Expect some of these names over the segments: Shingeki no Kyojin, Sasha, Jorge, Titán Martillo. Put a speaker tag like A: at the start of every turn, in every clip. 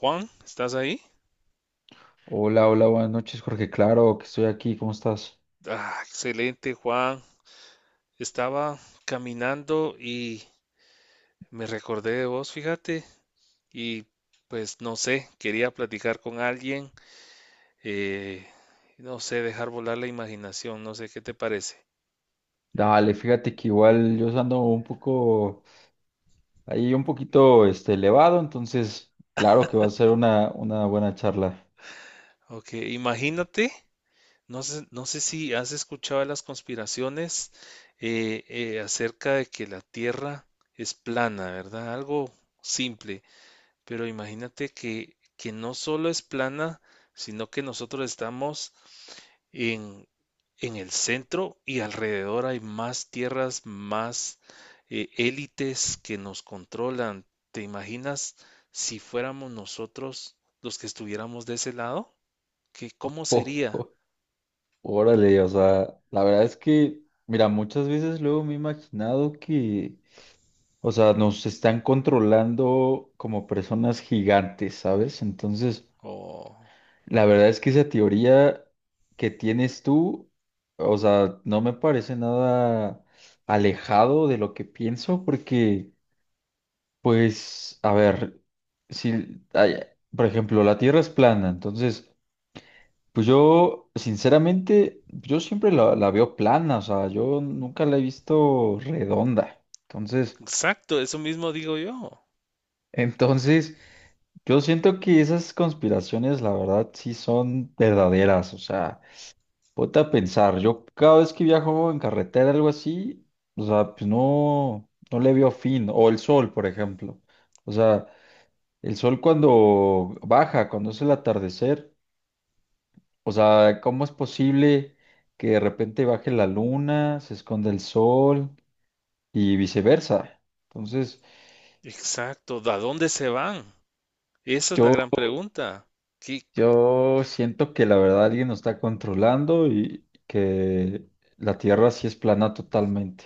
A: Juan, ¿estás ahí?
B: Hola, hola, buenas noches, Jorge. Claro que estoy aquí, ¿cómo estás?
A: Ah, excelente, Juan. Estaba caminando y me recordé de vos, fíjate, y pues no sé, quería platicar con alguien, eh, no sé, dejar volar la imaginación, no sé qué te parece.
B: Dale, fíjate que igual yo ando un poco, ahí un poquito elevado, entonces claro que va a ser una buena charla.
A: Ok, imagínate, no sé si has escuchado de las conspiraciones acerca de que la Tierra es plana, ¿verdad? Algo simple. Pero imagínate que no solo es plana, sino que nosotros estamos en, en el centro y alrededor hay más tierras, más élites que nos controlan. ¿Te imaginas si fuéramos nosotros los que estuviéramos de ese lado? ¿Qué, cómo sería?
B: Órale, o sea, la verdad es que, mira, muchas veces luego me he imaginado que, o sea, nos están controlando como personas gigantes, ¿sabes? Entonces...
A: Oh,
B: La verdad es que esa teoría que tienes tú, o sea, no me parece nada alejado de lo que pienso, porque, pues, a ver, si, ay, por ejemplo, la Tierra es plana, entonces, pues yo, sinceramente, yo siempre la veo plana, o sea, yo nunca la he visto redonda. Entonces,
A: exacto, eso mismo digo yo.
B: entonces, yo siento que esas conspiraciones, la verdad, sí son verdaderas, o sea. Ponte a pensar, yo cada vez que viajo en carretera, algo así, o sea, pues no, no le veo fin. O el sol, por ejemplo. O sea, el sol cuando baja, cuando es el atardecer, o sea, ¿cómo es posible que de repente baje la luna, se esconda el sol y viceversa? Entonces,
A: Exacto, ¿a dónde se van? Esa es la gran pregunta. ¿Qué,
B: yo siento que la verdad alguien nos está controlando y que la Tierra sí es plana totalmente.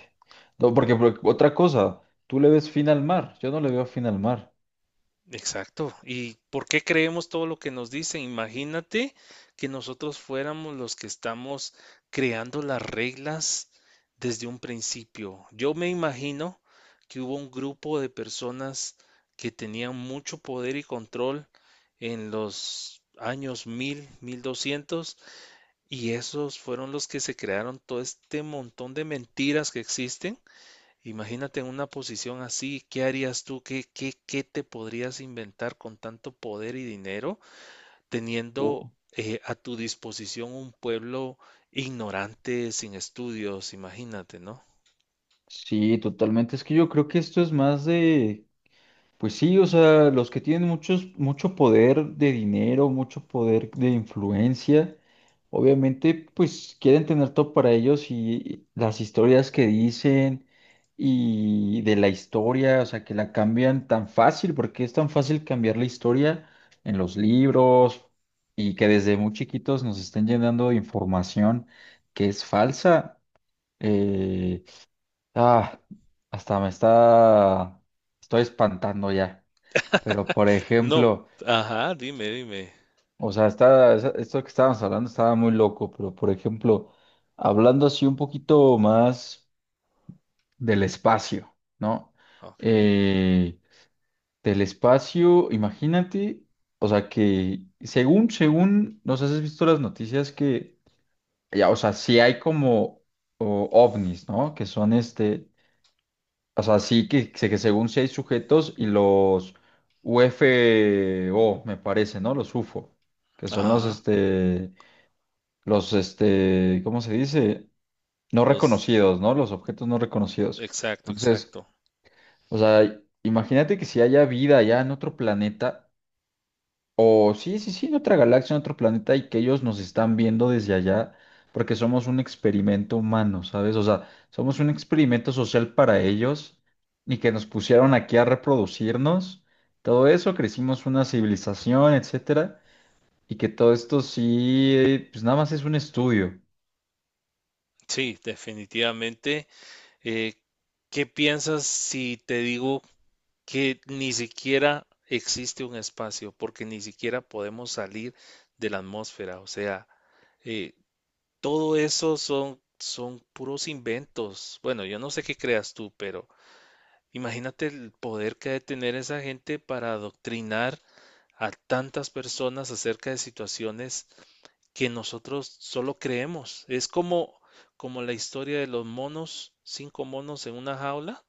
B: No, porque, otra cosa, tú le ves fin al mar, yo no le veo fin al mar.
A: Exacto. ¿Y por qué creemos todo lo que nos dicen? Imagínate que nosotros fuéramos los que estamos creando las reglas desde un principio. Yo me imagino que hubo un grupo de personas que tenían mucho poder y control en los años 1000, 1200, y esos fueron los que se crearon todo este montón de mentiras que existen. Imagínate en una posición así, ¿qué harías tú? ¿Qué te podrías inventar con tanto poder y dinero, teniendo
B: Uh,
A: a tu disposición un pueblo ignorante, sin estudios? Imagínate, ¿no?
B: sí, totalmente. Es que yo creo que esto es más de... Pues sí, o sea, los que tienen mucho poder de dinero, mucho poder de influencia, obviamente pues quieren tener todo para ellos y las historias que dicen y de la historia, o sea, que la cambian tan fácil, porque es tan fácil cambiar la historia en los libros y que desde muy chiquitos nos estén llenando de información que es falsa. Eh, ah, hasta estoy espantando ya. Pero, por
A: No,
B: ejemplo,
A: ajá, dime, dime.
B: o sea, esto que estábamos hablando estaba muy loco, pero, por ejemplo, hablando así un poquito más del espacio, ¿no?
A: Ok,
B: Eh, del espacio, imagínate, o sea, que según, no sé si has visto las noticias que, ya, o sea, sí hay como ovnis, ¿no? Que son este, o sea, sí que según si hay sujetos y los UFO, me parece, ¿no? Los U F O, que son los,
A: ajá,
B: este, los, este, ¿cómo se dice? No
A: los,
B: reconocidos, ¿no? Los objetos no reconocidos.
A: exacto,
B: Entonces,
A: exacto.
B: o sea, imagínate que si haya vida allá en otro planeta, o sí, en otra galaxia, en otro planeta y que ellos nos están viendo desde allá porque somos un experimento humano, ¿sabes? O sea, somos un experimento social para ellos y que nos pusieron aquí a reproducirnos. Todo eso, crecimos una civilización, etcétera, y que todo esto sí, pues nada más es un estudio.
A: Sí, definitivamente. Eh, ¿Qué piensas si te digo que ni siquiera existe un espacio, porque ni siquiera podemos salir de la atmósfera? O sea, eh, todo eso son puros inventos. Bueno, yo no sé qué creas tú, pero imagínate el poder que ha de tener esa gente para adoctrinar a tantas personas acerca de situaciones que nosotros solo creemos. Es como, como la historia de los monos, cinco monos en una jaula,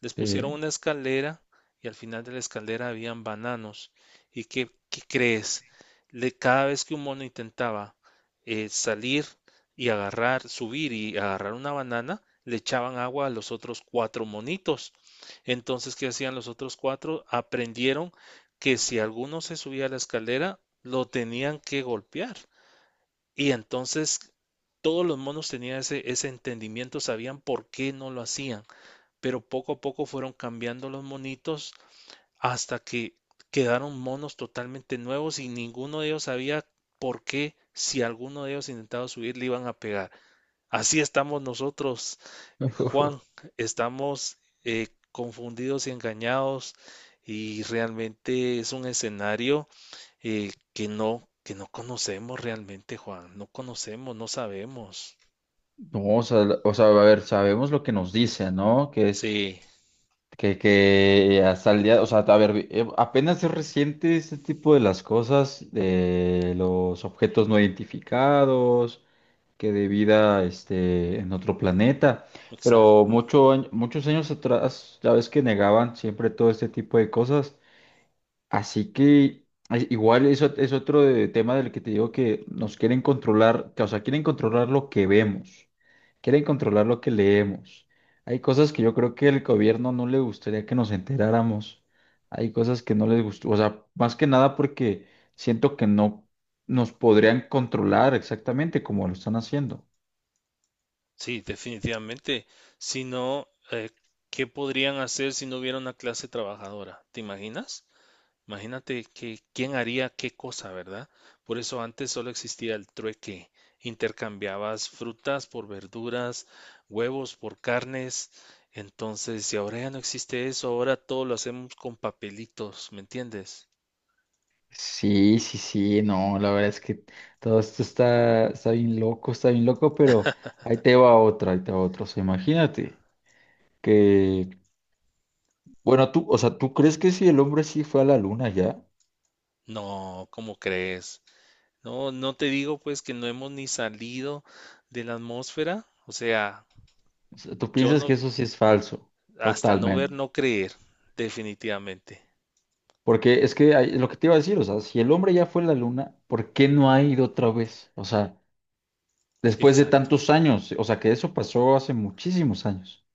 A: les pusieron
B: Sí.
A: una escalera y al final de la escalera habían bananos. ¿Y qué crees? Cada vez que un mono intentaba salir y agarrar, subir y agarrar una banana, le echaban agua a los otros cuatro monitos. Entonces, ¿qué hacían los otros cuatro? Aprendieron que si alguno se subía a la escalera, lo tenían que golpear. Y entonces todos los monos tenían ese entendimiento, sabían por qué no lo hacían, pero poco a poco fueron cambiando los monitos hasta que quedaron monos totalmente nuevos y ninguno de ellos sabía por qué si alguno de ellos intentaba subir le iban a pegar. Así estamos nosotros, Juan, estamos confundidos y engañados, y realmente es un escenario que no conocemos realmente, Juan, no conocemos, no sabemos.
B: No, o sea, o sea, a ver, sabemos lo que nos dice, ¿no? Que es...
A: Sí,
B: Que hasta el día, o sea, a ver, apenas es reciente este tipo de las cosas, de los objetos no identificados, que de vida este, en otro planeta, pero
A: exacto.
B: muchos años atrás, ya ves que negaban siempre todo este tipo de cosas. Así que ay, igual eso es tema del que te digo que nos quieren controlar, que, o sea, quieren controlar lo que vemos, quieren controlar lo que leemos. Hay cosas que yo creo que el gobierno no le gustaría que nos enteráramos. Hay cosas que no les gustó, o sea, más que nada porque siento que no nos podrían controlar exactamente como lo están haciendo.
A: Sí, definitivamente. Si no, ¿qué podrían hacer si no hubiera una clase trabajadora? ¿Te imaginas? Imagínate que quién haría qué cosa, ¿verdad? Por eso antes solo existía el trueque. Intercambiabas frutas por verduras, huevos por carnes. Entonces, si ahora ya no existe eso, ahora todo lo hacemos con papelitos, ¿me entiendes?
B: Sí, no, la verdad es que todo esto está bien loco, pero ahí te va otra. O sea, imagínate que, bueno, tú, o sea, ¿tú crees que si el hombre sí fue a la luna ya?
A: No, ¿cómo crees? No, no te digo pues que no hemos ni salido de la atmósfera. O sea,
B: O sea, tú
A: yo
B: piensas que
A: no.
B: eso sí es falso,
A: Hasta no ver,
B: totalmente.
A: no creer, definitivamente.
B: Porque es que lo que te iba a decir, o sea, si el hombre ya fue a la luna, ¿por qué no ha ido otra vez? O sea, después de
A: Exacto.
B: tantos años, o sea, que eso pasó hace muchísimos años.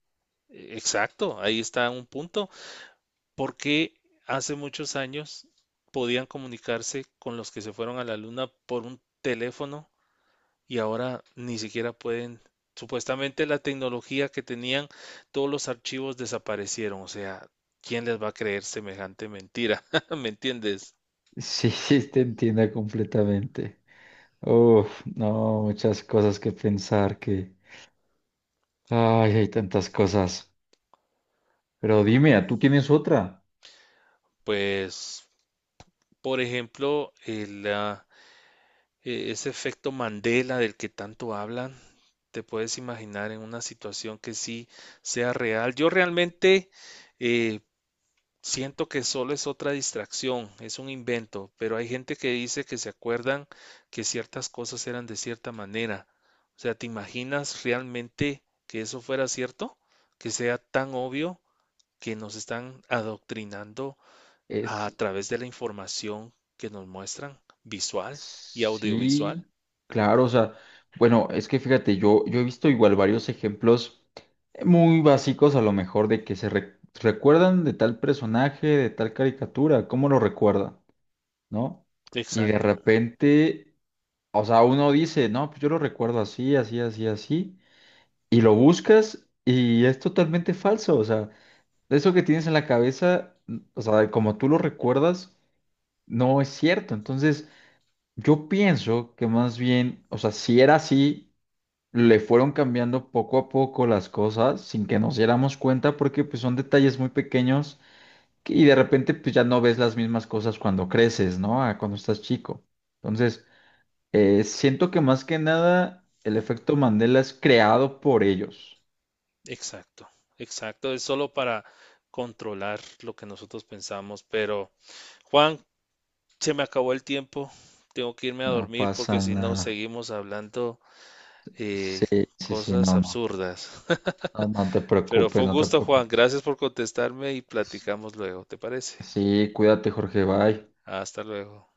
A: Exacto, ahí está un punto. Porque hace muchos años podían comunicarse con los que se fueron a la luna por un teléfono, y ahora ni siquiera pueden. Supuestamente la tecnología que tenían, todos los archivos desaparecieron. O sea, ¿quién les va a creer semejante mentira? ¿Me entiendes?
B: Sí, sí, te entiendo completamente. Uf, no, muchas cosas que pensar, que... Ay, hay tantas cosas. Pero dime, ¿tú tienes otra?
A: Pues, por ejemplo, ese efecto Mandela del que tanto hablan, te puedes imaginar en una situación que sí sea real. Yo realmente eh, siento que solo es otra distracción, es un invento, pero hay gente que dice que se acuerdan que ciertas cosas eran de cierta manera. O sea, ¿te imaginas realmente que eso fuera cierto? Que sea tan obvio que nos están adoctrinando a
B: Es...
A: través de la información que nos muestran visual y audiovisual.
B: Sí, claro, o sea, bueno, es que fíjate, yo he visto igual varios ejemplos muy básicos a lo mejor de que recuerdan de tal personaje, de tal caricatura, ¿cómo lo recuerdan? ¿No? Y de
A: Exacto,
B: repente, o sea, uno dice, no, pues yo lo recuerdo así. Y lo buscas y es totalmente falso. O sea, eso que tienes en la cabeza, o sea, como tú lo recuerdas, no es cierto. Entonces, yo pienso que más bien, o sea, si era así, le fueron cambiando poco a poco las cosas sin que nos diéramos cuenta porque pues son detalles muy pequeños y de repente pues ya no ves las mismas cosas cuando creces, ¿no? A cuando estás chico. Entonces, siento que más que nada el efecto Mandela es creado por ellos.
A: exacto, exacto. Es solo para controlar lo que nosotros pensamos. Pero, Juan, se me acabó el tiempo. Tengo que irme a
B: No
A: dormir porque
B: pasa
A: si no,
B: nada.
A: seguimos hablando eh,
B: Sí, sí, sí,
A: cosas
B: no, no,
A: absurdas.
B: no, no te
A: Pero fue
B: preocupes,
A: un
B: no te
A: gusto, Juan.
B: preocupes.
A: Gracias por contestarme y platicamos luego, ¿te parece?
B: Sí, cuídate, Jorge, bye.
A: Hasta luego.